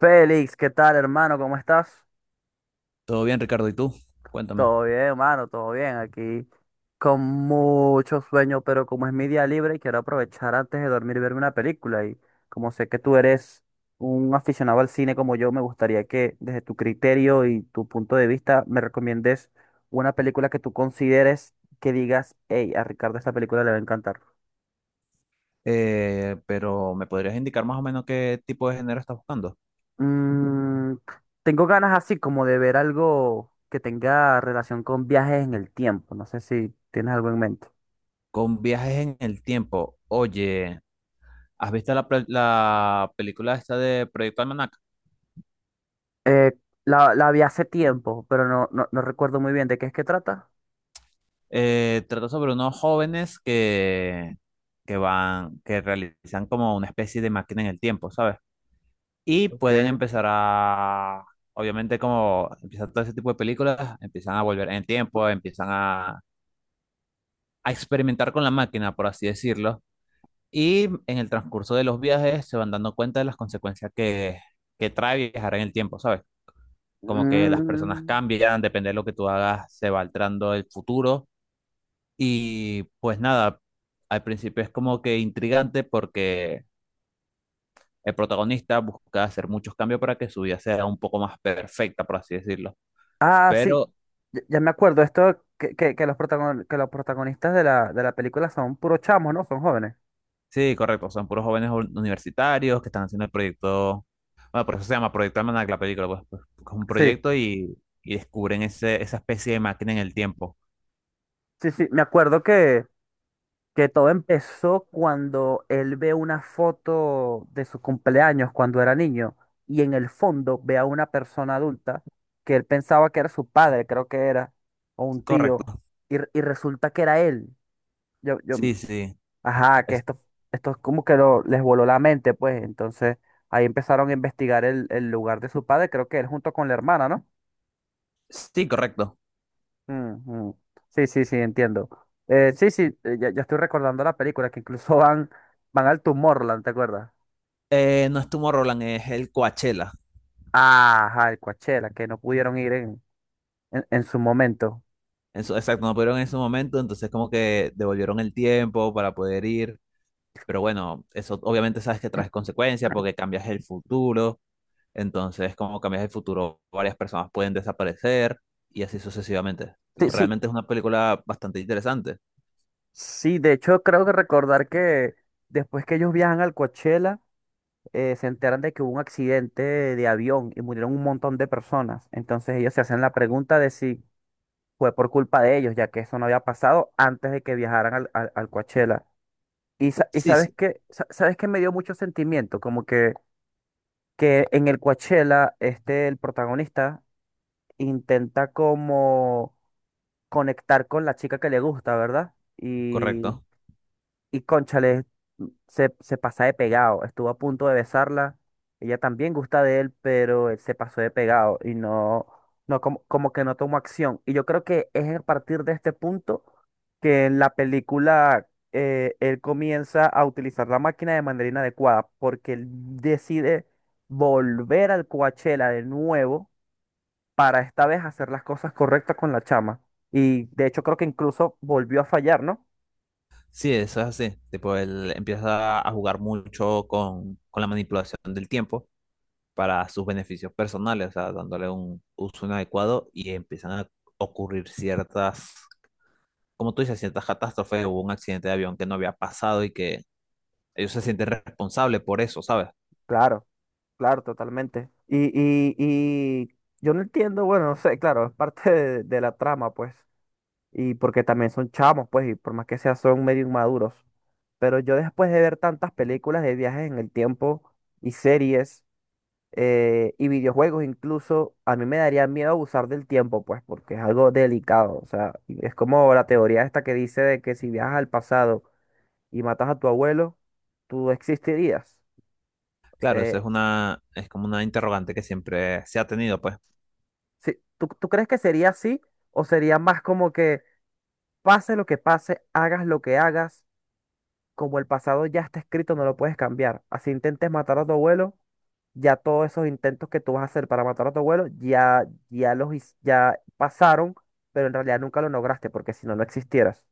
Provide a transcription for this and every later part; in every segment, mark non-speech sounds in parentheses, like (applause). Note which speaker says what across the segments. Speaker 1: Félix, ¿qué tal, hermano? ¿Cómo estás?
Speaker 2: Todo bien, Ricardo, ¿y tú? Cuéntame.
Speaker 1: Todo bien, hermano, todo bien. Aquí con mucho sueño, pero como es mi día libre, quiero aprovechar antes de dormir y verme una película. Y como sé que tú eres un aficionado al cine como yo, me gustaría que desde tu criterio y tu punto de vista me recomiendes una película que tú consideres que digas, hey, a Ricardo esta película le va a encantar.
Speaker 2: Pero ¿me podrías indicar más o menos qué tipo de género estás buscando?
Speaker 1: Mm, tengo ganas así como de ver algo que tenga relación con viajes en el tiempo. No sé si tienes algo en mente.
Speaker 2: Con viajes en el tiempo. Oye, ¿has visto la película esta de Proyecto Almanac?
Speaker 1: Eh, la vi hace tiempo, pero no recuerdo muy bien de qué es que trata.
Speaker 2: Trata sobre unos jóvenes que realizan como una especie de máquina en el tiempo, ¿sabes? Y pueden
Speaker 1: Ok.
Speaker 2: empezar a, obviamente como empiezan todo ese tipo de películas, empiezan a volver en el tiempo, empiezan a experimentar con la máquina, por así decirlo. Y en el transcurso de los viajes se van dando cuenta de las que trae viajar en el tiempo, ¿sabes? Como que las personas
Speaker 1: Mm.
Speaker 2: cambian, depende de lo que tú hagas, se va alterando el futuro. Y pues nada, al principio es como que intrigante porque el protagonista busca hacer muchos cambios para que su vida sea un poco más perfecta, por así decirlo.
Speaker 1: Ah, sí.
Speaker 2: Pero
Speaker 1: Ya me acuerdo. Esto que los protagon- que los protagonistas de la película son puros chamos, ¿no? Son jóvenes.
Speaker 2: sí, correcto. Son puros jóvenes universitarios que están haciendo el proyecto. Bueno, por eso se llama Proyecto Almanac la película, pues, pues, es un
Speaker 1: Sí,
Speaker 2: proyecto y descubren esa especie de máquina en el tiempo.
Speaker 1: sí, sí. Me acuerdo que todo empezó cuando él ve una foto de su cumpleaños cuando era niño y en el fondo ve a una persona adulta que él pensaba que era su padre, creo que era, o un tío,
Speaker 2: Correcto.
Speaker 1: y, y resulta que era él. Yo,
Speaker 2: Sí, sí.
Speaker 1: ajá, que
Speaker 2: Es-
Speaker 1: Esto es como que lo, les voló la mente, pues. Entonces, ahí empezaron a investigar el lugar de su padre, creo que él junto con la hermana, ¿no?
Speaker 2: sí, correcto.
Speaker 1: Ujú. Sí, sí, sí, entiendo. Sí, sí, ya estoy recordando la película, que incluso (laughs) van, van al Tomorrowland, ¿te acuerdas?
Speaker 2: No es Roland, es el Coachella.
Speaker 1: Ajá, el Coachella, que no pudieron ir en su momento.
Speaker 2: Eso, exacto, no pudieron en ese momento, entonces como que devolvieron el tiempo para poder ir. Pero bueno, eso obviamente sabes que trae consecuencias porque cambias el futuro. Entonces, como cambias el futuro, varias personas pueden desaparecer y así sucesivamente.
Speaker 1: Sí, sí,
Speaker 2: Realmente es una película bastante interesante.
Speaker 1: sí, de hecho creo que recordar que después que ellos viajan al Coachella, se enteran de que hubo un accidente de avión y murieron un montón de personas. Entonces ellos se hacen la pregunta de si fue por culpa de ellos, ya que eso no había pasado antes de que viajaran al Coachella. Y, sa- y
Speaker 2: Sí,
Speaker 1: sabes
Speaker 2: sí,
Speaker 1: que, sabes que me dio mucho sentimiento, como que en el Coachella, este, el protagonista intenta como conectar con la chica que le gusta, ¿verdad?
Speaker 2: correcto.
Speaker 1: Y cónchale, se pasa de pegado. Estuvo a punto de besarla. Ella también gusta de él, pero él se pasó de pegado y no, no como, como que no tomó acción. Y yo creo que es a partir de este punto que en la película él comienza a utilizar la máquina de manera inadecuada, porque él decide volver al Coachella de nuevo para esta vez hacer las cosas correctas con la chama. Y de hecho creo que incluso volvió a fallar, ¿no?
Speaker 2: Sí, eso es así. Tipo, él empieza a jugar mucho con la manipulación del tiempo para sus beneficios personales, o sea, dándole un uso inadecuado y empiezan a ocurrir como tú dices, ciertas catástrofes. Hubo un accidente de avión que no había pasado y que ellos se sienten responsables por eso, ¿sabes?
Speaker 1: Claro. Claro, totalmente. Y yo no entiendo, bueno, no sé, claro, es parte de la trama, pues, y porque también son chamos, pues, y por más que sea, son medio inmaduros. Pero yo después de ver tantas películas de viajes en el tiempo y series y videojuegos incluso, a mí me daría miedo abusar del tiempo, pues, porque es algo delicado. O sea, y es como la teoría esta que dice de que si viajas al pasado y matas a tu abuelo, tú existirías.
Speaker 2: Claro,
Speaker 1: Eh,
Speaker 2: es como una interrogante que siempre se ha tenido, pues.
Speaker 1: Sí, ¿tú crees que sería así o sería más como que pase lo que pase, hagas lo que hagas, como el pasado ya está escrito, no lo puedes cambiar? Así intentes matar a tu abuelo, ya todos esos intentos que tú vas a hacer para matar a tu abuelo, ya pasaron, pero en realidad nunca lo lograste, porque si no, no existieras.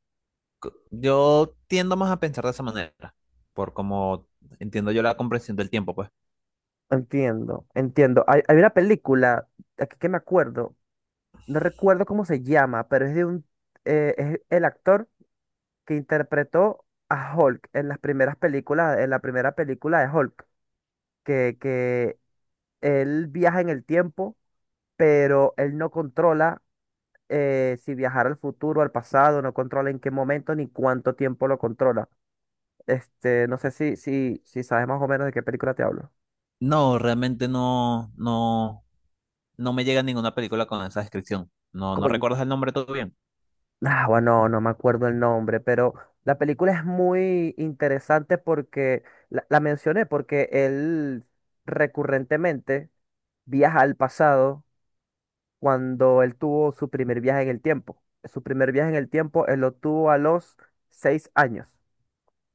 Speaker 2: Yo tiendo más a pensar de esa manera, por como entiendo yo la comprensión del tiempo, pues.
Speaker 1: Entiendo, entiendo. Hay una película, aquí que me acuerdo, no recuerdo cómo se llama, pero es de un, es el actor que interpretó a Hulk en las primeras películas, en la primera película de Hulk, que él viaja en el tiempo, pero él no controla si viajar al futuro, al pasado, no controla en qué momento ni cuánto tiempo lo controla. Este, no sé si sabes más o menos de qué película te hablo.
Speaker 2: No, realmente no me llega ninguna película con esa descripción. No, no
Speaker 1: Con...
Speaker 2: recuerdas el nombre todo bien.
Speaker 1: Ah, bueno, no me acuerdo el nombre, pero la película es muy interesante porque la mencioné porque él recurrentemente viaja al pasado cuando él tuvo su primer viaje en el tiempo. Su primer viaje en el tiempo, él lo tuvo a los 6 años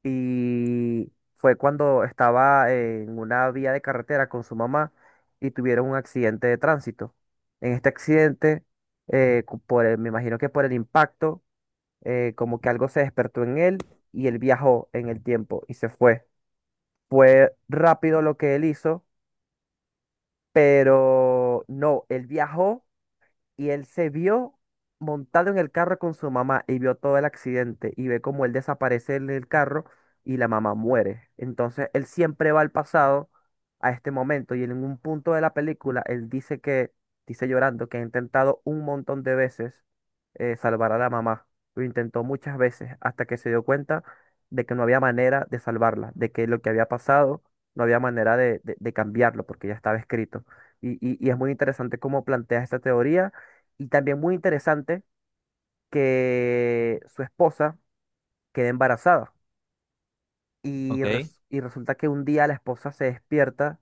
Speaker 1: y fue cuando estaba en una vía de carretera con su mamá y tuvieron un accidente de tránsito. En este accidente, me imagino que por el impacto, como que algo se despertó en él y él viajó en el tiempo y se fue. Fue rápido lo que él hizo, pero no, él viajó. Y él se vio montado en el carro con su mamá y vio todo el accidente y ve cómo él desaparece en el carro y la mamá muere. Entonces él siempre va al pasado a este momento y en un punto de la película él dice que, dice llorando, que ha intentado un montón de veces salvar a la mamá. Lo intentó muchas veces hasta que se dio cuenta de que no había manera de salvarla, de que lo que había pasado no había manera de cambiarlo porque ya estaba escrito. Y es muy interesante cómo plantea esta teoría y también muy interesante que su esposa queda embarazada. Y,
Speaker 2: Ok,
Speaker 1: res- y resulta que un día la esposa se despierta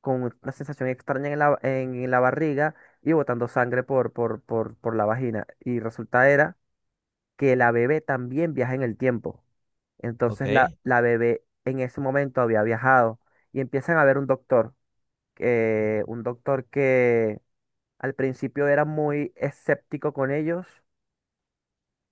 Speaker 1: con una sensación extraña en la barriga y botando sangre por la vagina. Y resulta era que la bebé también viaja en el tiempo. Entonces la,
Speaker 2: ok.
Speaker 1: la bebé en ese momento había viajado y empiezan a ver un doctor que al principio era muy escéptico con ellos.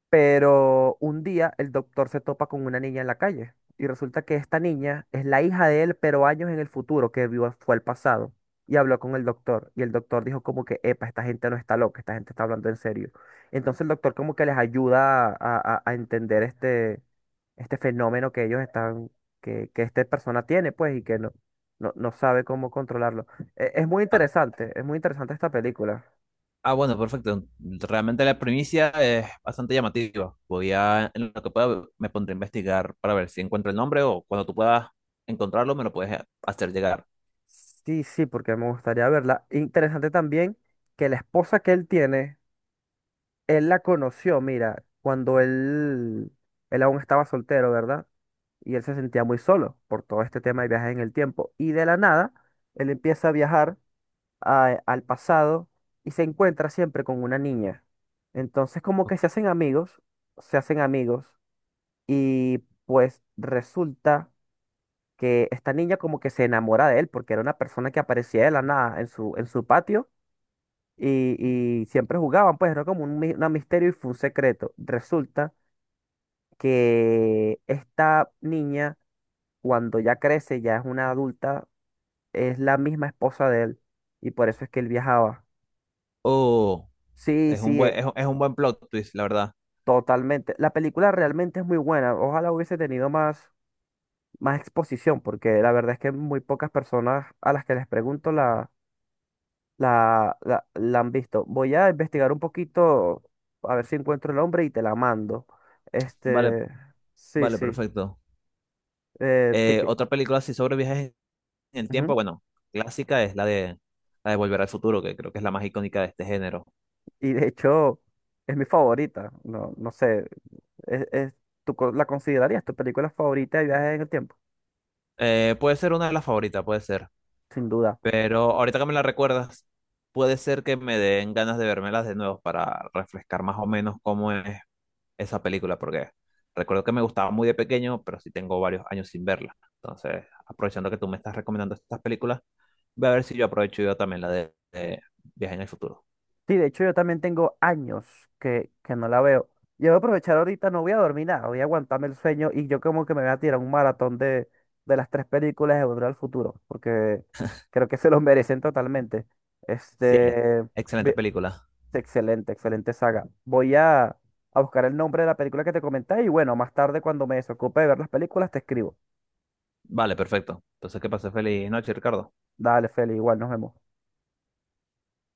Speaker 1: Pero un día el doctor se topa con una niña en la calle y resulta que esta niña es la hija de él, pero años en el futuro, que vio fue el pasado. Y habló con el doctor y el doctor dijo como que, epa, esta gente no está loca, esta gente está hablando en serio. Entonces el doctor como que les ayuda a, a entender este, este fenómeno que ellos están, que esta persona tiene, pues, y que no, no, no sabe cómo controlarlo. Es muy
Speaker 2: Ah,
Speaker 1: interesante, es muy interesante esta película.
Speaker 2: ah, bueno, perfecto. Realmente la primicia es bastante llamativa. Voy a, en lo que pueda, me pondré a investigar para ver si encuentro el nombre o cuando tú puedas encontrarlo, me lo puedes hacer llegar.
Speaker 1: Sí, sí, porque me gustaría verla. Interesante también que la esposa que él tiene, él la conoció, mira, cuando él aún estaba soltero, ¿verdad? Y él se sentía muy solo por todo este tema de viajes en el tiempo. Y de la nada, él empieza a viajar al pasado y se encuentra siempre con una niña. Entonces, como que se hacen amigos y pues resulta que esta niña como que se enamora de él porque era una persona que aparecía de la nada en su, en su patio y, y siempre jugaban, pues era como un, una misterio y fue un secreto. Resulta que esta niña, cuando ya crece, ya es una adulta, es la misma esposa de él y por eso es que él viajaba.
Speaker 2: Oh.
Speaker 1: Sí,
Speaker 2: Es un
Speaker 1: sí,
Speaker 2: es un buen plot twist, la verdad.
Speaker 1: totalmente. La película realmente es muy buena. Ojalá hubiese tenido más, más exposición porque la verdad es que muy pocas personas a las que les pregunto la han visto. Voy a investigar un poquito, a ver si encuentro el nombre y te la mando.
Speaker 2: Vale,
Speaker 1: Este, sí,
Speaker 2: vale,
Speaker 1: sí.
Speaker 2: perfecto.
Speaker 1: eh, te que-
Speaker 2: Otra película así sobre viajes en el tiempo,
Speaker 1: Ujú.
Speaker 2: bueno, clásica es la de Volver al Futuro, que creo que es la más icónica de este género.
Speaker 1: Y de hecho, es mi favorita. No, no sé, es, es- la considerarías tu película favorita de viajes en el tiempo?
Speaker 2: Puede ser una de las favoritas, puede ser.
Speaker 1: Sin duda.
Speaker 2: Pero ahorita que me la recuerdas, puede ser que me den ganas de vermelas de nuevo para refrescar más o menos cómo es esa película porque recuerdo que me gustaba muy de pequeño, pero sí tengo varios años sin verla. Entonces, aprovechando que tú me estás recomendando estas películas, voy a ver si yo aprovecho yo también de Viaje en el Futuro.
Speaker 1: Sí, de hecho yo también tengo años que no la veo. Yo voy a aprovechar ahorita, no voy a dormir nada, voy a aguantarme el sueño y yo como que me voy a tirar un maratón de las tres películas de Volver al Futuro, porque creo que se los (laughs) merecen totalmente.
Speaker 2: Sí,
Speaker 1: Este,
Speaker 2: excelente
Speaker 1: ve-
Speaker 2: película.
Speaker 1: Excelente, excelente saga. Voy a buscar el nombre de la película que te comenté y bueno, más tarde cuando me desocupe de ver las películas te escribo.
Speaker 2: Vale, perfecto. Entonces, que pases feliz noche, Ricardo.
Speaker 1: Dale, Feli, igual nos vemos.